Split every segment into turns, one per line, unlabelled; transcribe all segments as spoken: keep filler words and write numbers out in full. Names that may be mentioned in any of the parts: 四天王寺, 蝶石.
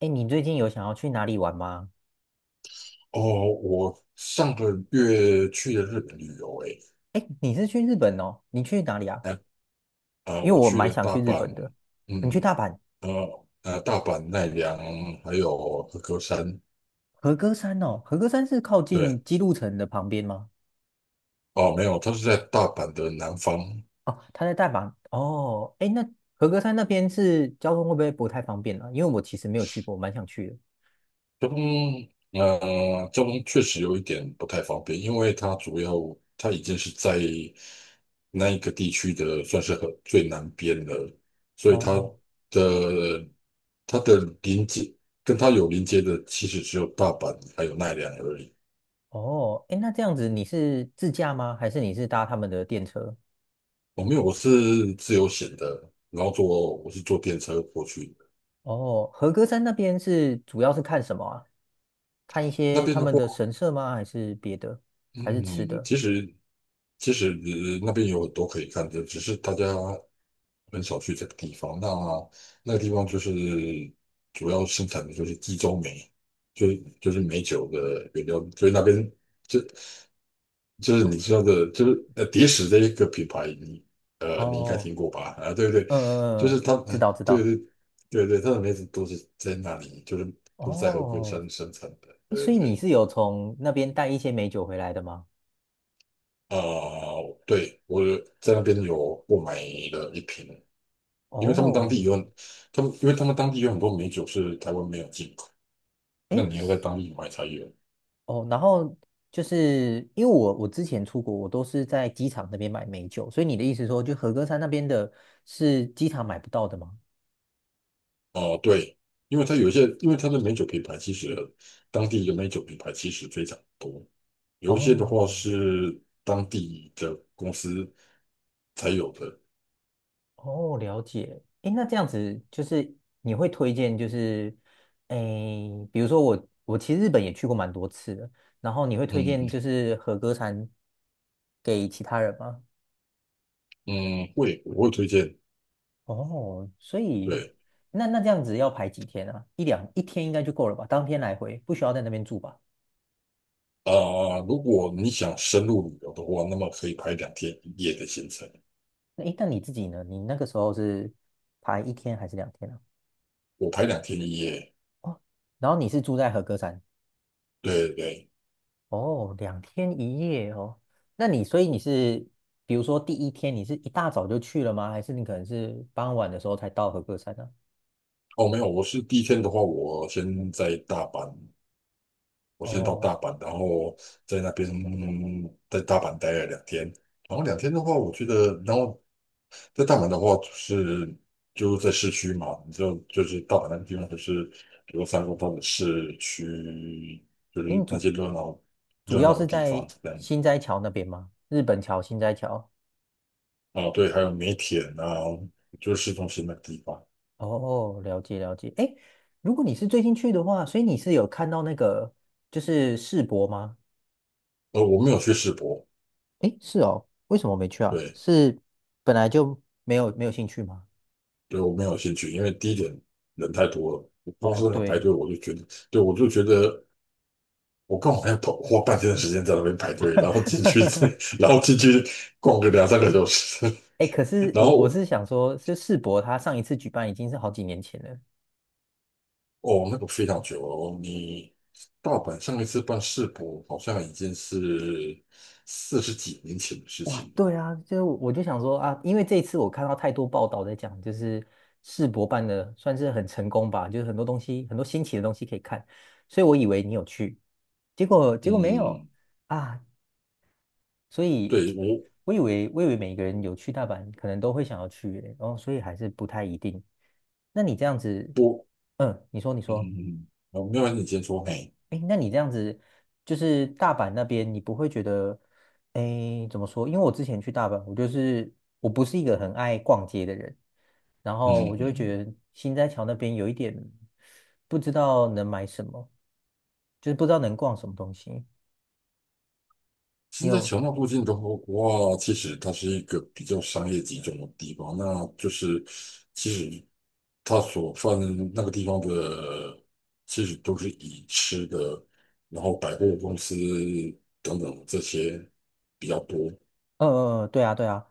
哎，你最近有想要去哪里玩吗？
哦，我上个月去了日本旅游欸，
哎，你是去日本哦？你去哪里啊？
诶，呃呃，
因为
我
我
去
蛮
了
想
大
去日
阪，
本的。你去
嗯，
大阪
呃呃，大阪奈良还有和歌山，
和歌山哦？和歌山是靠
对，
近姬路城的旁边吗？
哦，没有，它是在大阪的南方，
哦，它在大阪哦。哎，那和歌山那边是交通会不会不太方便啊？因为我其实没有去过，蛮想去的。
中，呃，中确实有一点不太方便，因为它主要它已经是在那一个地区的算是很最南边了，所以它
哦
的它的临接跟它有临接的其实只有大阪还有奈良而已。
哦，哎，那这样子你是自驾吗？还是你是搭他们的电车？
我、没有，我是自由行的，然后坐我是坐电车过去的，
哦，和歌山那边是主要是看什么啊？看一
那
些
边
他
的
们
话。
的神社吗？还是别的？还是吃
嗯，
的？
其实其实呃那边有很多可以看的，只是大家很少去这个地方。那那个地方就是主要生产的就是地中梅，就是就是美酒的原料，所以那边就就是你知道的，就是呃蝶石这一个品牌，你呃你应该
哦，
听过吧？啊，对不对，
嗯嗯
就是
嗯，
它，
知
呃
道知
对
道。
对对对，它的梅子都是在那里，就是都是在和歌
哦，
山生产的，
诶
对
所以你
对。
是有从那边带一些美酒回来的吗？
啊，对，我在那边有购买了一瓶，因为他们当
哦，
地有，他们因为他们当地有很多美酒是台湾没有进口，那
诶，
你要在当地买才有。
哦，然后就是因为我我之前出国，我都是在机场那边买美酒，所以你的意思说，就和歌山那边的是机场买不到的吗？
哦、对，因为它有一些，因为它的美酒品牌其实当地的美酒品牌其实非常多，有一些的话
哦，
是当地的公司才有的。
哦，了解。诶，那这样子就是你会推荐，就是诶，比如说我我其实日本也去过蛮多次的，然后你会推荐
嗯
就是和歌山给其他人吗？
嗯，会我会推荐。
哦，所以
对
那那这样子要排几天啊？一两一天应该就够了吧？当天来回不需要在那边住吧？
啊、如果你想深入旅游的话，那么可以排两天一夜的行程。
那诶，那你自己呢？你那个时候是排一天还是两天啊？
我排两天一夜，
哦，然后你是住在和歌山。
对对对，
哦，两天一夜哦。那你所以你是，比如说第一天你是一大早就去了吗？还是你可能是傍晚的时候才到和歌山呢、
哦，没有，我是第一天的话，我先在大阪，我先到
哦，
大阪，然后在那边在大阪待了两天，然后两天的话，我觉得，然后在大阪的话，就是就在市区嘛，你就就是大阪那个地方，就是比如三宫或的市区，就
因
是
为
那
主
些热闹
主
热
要
闹的
是
地方
在
这样，
新斋桥那边吗？日本桥、新斋桥。
啊，对，还有梅田啊，就是市中心那个地方，
哦，了解了解。哎，如果你是最近去的话，所以你是有看到那个就是世博吗？
呃，我没有去世博，
哎，是哦，为什么没去啊？
对。
是本来就没有没有兴趣吗？
对我没有兴趣，因为第一点人太多了，我公
哦，
司要排
对。
队，我就觉得，对我就觉得我刚好要跑，花半天的时间在那边排队，然后进去，然后进去逛个两三个小时，
哎，可 是
然
我我
后
是想说，就世博他上一次举办已经是好几年前了。
哦，那个非常久哦，你大阪上一次办世博好像已经是四十几年前的事
哇，
情了，
对啊，就是我我就想说啊，因为这一次我看到太多报道在讲，就是世博办的算是很成功吧，就是很多东西，很多新奇的东西可以看，所以我以为你有去，结果结果没有
嗯，
啊，所以
对我
我以为我以为每个人有去大阪，可能都会想要去耶然后所以还是不太一定。那你这样子，
我
嗯，你说你说。
嗯，我没有你先说，嘿，
哎，那你这样子，就是大阪那边，你不会觉得，哎，怎么说？因为我之前去大阪，我就是我不是一个很爱逛街的人，然
嗯
后我
嗯。
就会
嗯
觉得新斋桥那边有一点不知道能买什么，就是不知道能逛什么东西。你
现在
有，
桥那附近的话，其实它是一个比较商业集中的地方，那就是其实它所泛那个地方的，其实都是以吃的，然后百货公司等等这些比较多。
呃呃，呃对啊，对啊。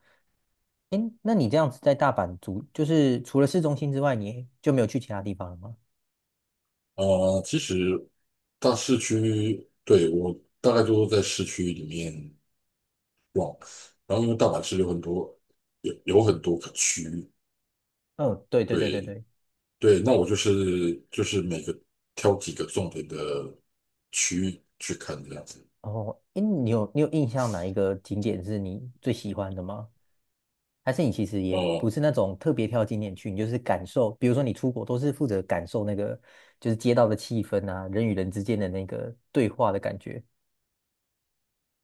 哎，那你这样子在大阪住，就是除了市中心之外，你就没有去其他地方了吗？
啊、呃其实大市区，对，我大概都在市区里面，然后因为大阪市有很多有有很多个区，
嗯，对对对对
对，
对。
对，那我就是就是每个挑几个重点的区域去看这样子。
哦，诶，你有你有印象哪一个景点是你最喜欢的吗？还是你其实也不
呃，
是那种特别挑景点去，你就是感受，比如说你出国都是负责感受那个就是街道的气氛啊，人与人之间的那个对话的感觉。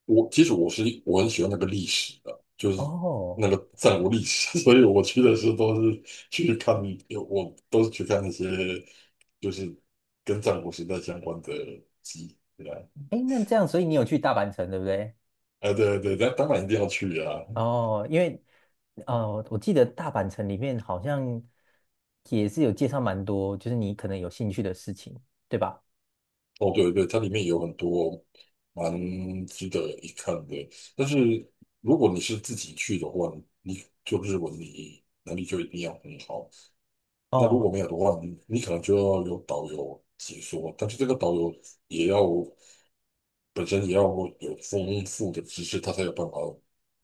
我其实我是我很喜欢那个历史的，就是
哦，
那个战国历史，所以我去的时候都是去看，我都是去看那些就是跟战国时代相关的集。对啊，
哎，那这样，所以你有去大阪城，对不对？
啊对对，那当然一定要去啊。
哦，因为呃，我记得大阪城里面好像也是有介绍蛮多，就是你可能有兴趣的事情，对吧？
哦，对对，它里面有很多蛮值得一看的。但是如果你是自己去的话，你就日文你能力就一定要很好。那如
哦
果没有的话，你你可能就要有导游解说，但是这个导游也要本身也要有丰富的知识，他才有办法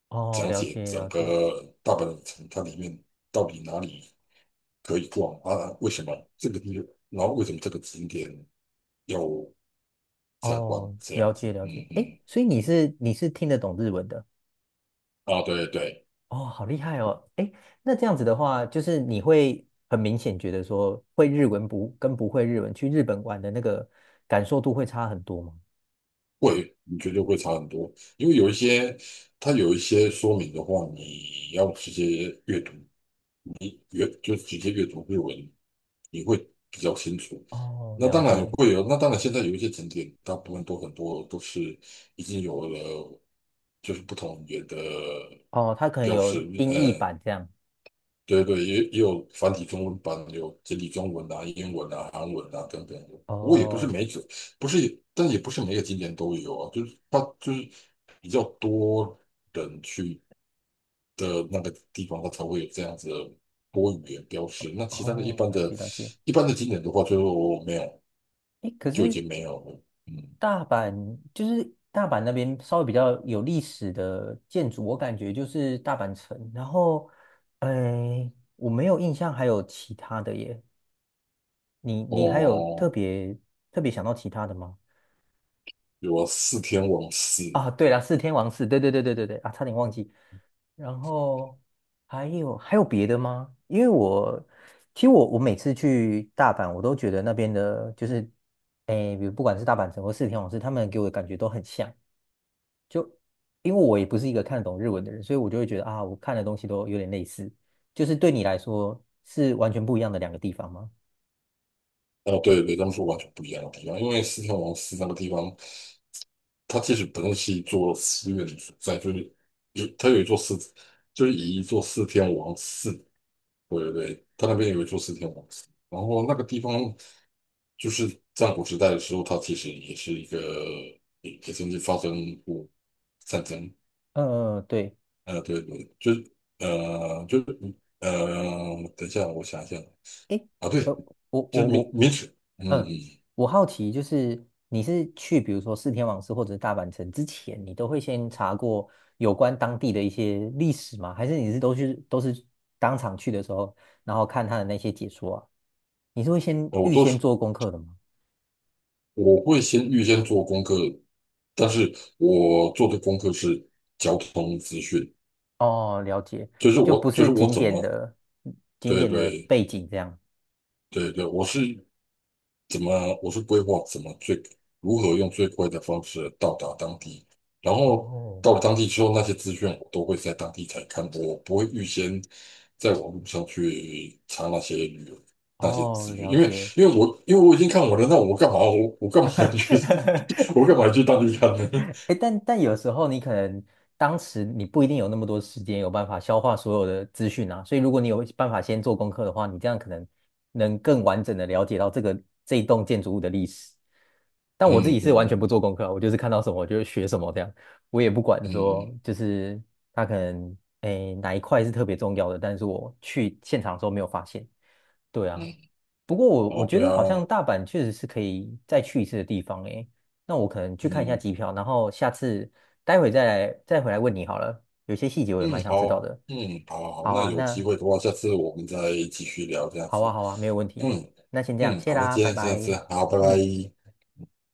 哦，
讲
了
解
解
整
了解。
个大阪的城，它里面到底哪里可以逛啊？为什么这个地方，然后为什么这个景点？要？参观
哦，
这
了
样子，
解了
嗯
解。哎，
嗯，
所以你是你是听得懂日文的
啊，对对，
哦，好厉害哦。哎，那这样子的话，就是你会很明显觉得说，会日文不跟不会日文去日本玩的那个感受度会差很多吗？
会，你绝对会差很多，因为有一些它有一些说明的话，你要直接阅读，你阅就直接阅读日文，你会比较清楚。
哦，
那
了
当然
解。
会有，那当然现在有一些景点，大部分都很多都是已经有了，就是不同语言的
哦，它可能
标识，
有音译
呃，
版这样。
对对，也也有繁体中文版，有简体中文啊、英文啊、韩文啊等等不过也不是
哦
每个，不是，但也不是每个景点都有啊。就是它就是比较多人去的那个地方，它才会有这样子的多语言标识。那其他的一
哦，
般
了
的、
解了解。
一般的景点的话，就没有，
哎，可
就已
是
经没有了。嗯，
大阪就是大阪那边稍微比较有历史的建筑，我感觉就是大阪城。然后，哎，我没有印象还有其他的耶。你你还有特
哦，
别特别想到其他的吗？
有啊，四天王寺。
啊，对了，四天王寺，对对对对对对啊，差点忘记。然后还有还有别的吗？因为我其实我我每次去大阪，我都觉得那边的就是，哎，比如不管是大阪城或四天王寺，他们给我的感觉都很像。就因为我也不是一个看得懂日文的人，所以我就会觉得啊，我看的东西都有点类似。就是对你来说是完全不一样的两个地方吗？
哦，对对，他们是完全不一样的地方，因为四天王寺那个地方。它其实本身是一座寺院的所在，就是有它有一座寺，就是以一座四天王寺，对对对，它那边有一座四天王寺。然后那个地方就是战国时代的时候，它其实也是一个也也曾经发生过战争。
嗯嗯，嗯对。
呃，对对，就是呃就是呃，等一下，我想一下
诶，
啊，
呃，
对，
我
就
我
是明
我，
明史，嗯嗯，
嗯，
嗯
我好奇就是你是去比如说四天王寺或者是大阪城之前，你都会先查过有关当地的一些历史吗？还是你是都去都是当场去的时候，然后看他的那些解说啊？你是会先
呃我
预
都
先
是
做功课的吗？
我会先预先做功课，但是我做的功课是交通资讯，
哦，了解，
就是
就
我
不
就
是
是我
景
怎
点
么
的景
对
点的
对
背景这样。
对对，我是怎么我是规划怎么最如何用最快的方式到达当地，然后
哦
到了当地之后，那些资讯我都会在当地才看，我不会预先在网络上去查那些旅游那些
哦，
资讯，
了
因为
解。
因为我因为我已经看完了，那我干嘛我我干嘛要去 我干 嘛要去当地看呢？
哎，但但有时候你可能当时你不一定有那么多时间，有办法消化所有的资讯啊。所以如果你有办法先做功课的话，你这样可能能更完整的了解到这个这一栋建筑物的历史。但我自
嗯
己是
嗯
完全不
嗯
做功课啊我就是看到什么我就学什么这样，我也不管
嗯，
说就是它可能哎哪一块是特别重要的，但是我去现场的时候没有发现。对啊，
嗯，
不过我我
哦，
觉
对
得
啊，
好像大阪确实是可以再去一次的地方诶。那我可能去看一下
嗯
机票，然后下次待会再来再回来问你好了。有些细节我也
嗯，
蛮想知道
好，
的。
嗯，好好好
好
那
啊，
有机
那
会的话，下次我们再继续聊这样
好
子。
啊，好啊，没有问题。
嗯
那先这样，
嗯，
谢
好，那
啦，
今
拜
天先这
拜。
样，好，拜
嗯。
拜。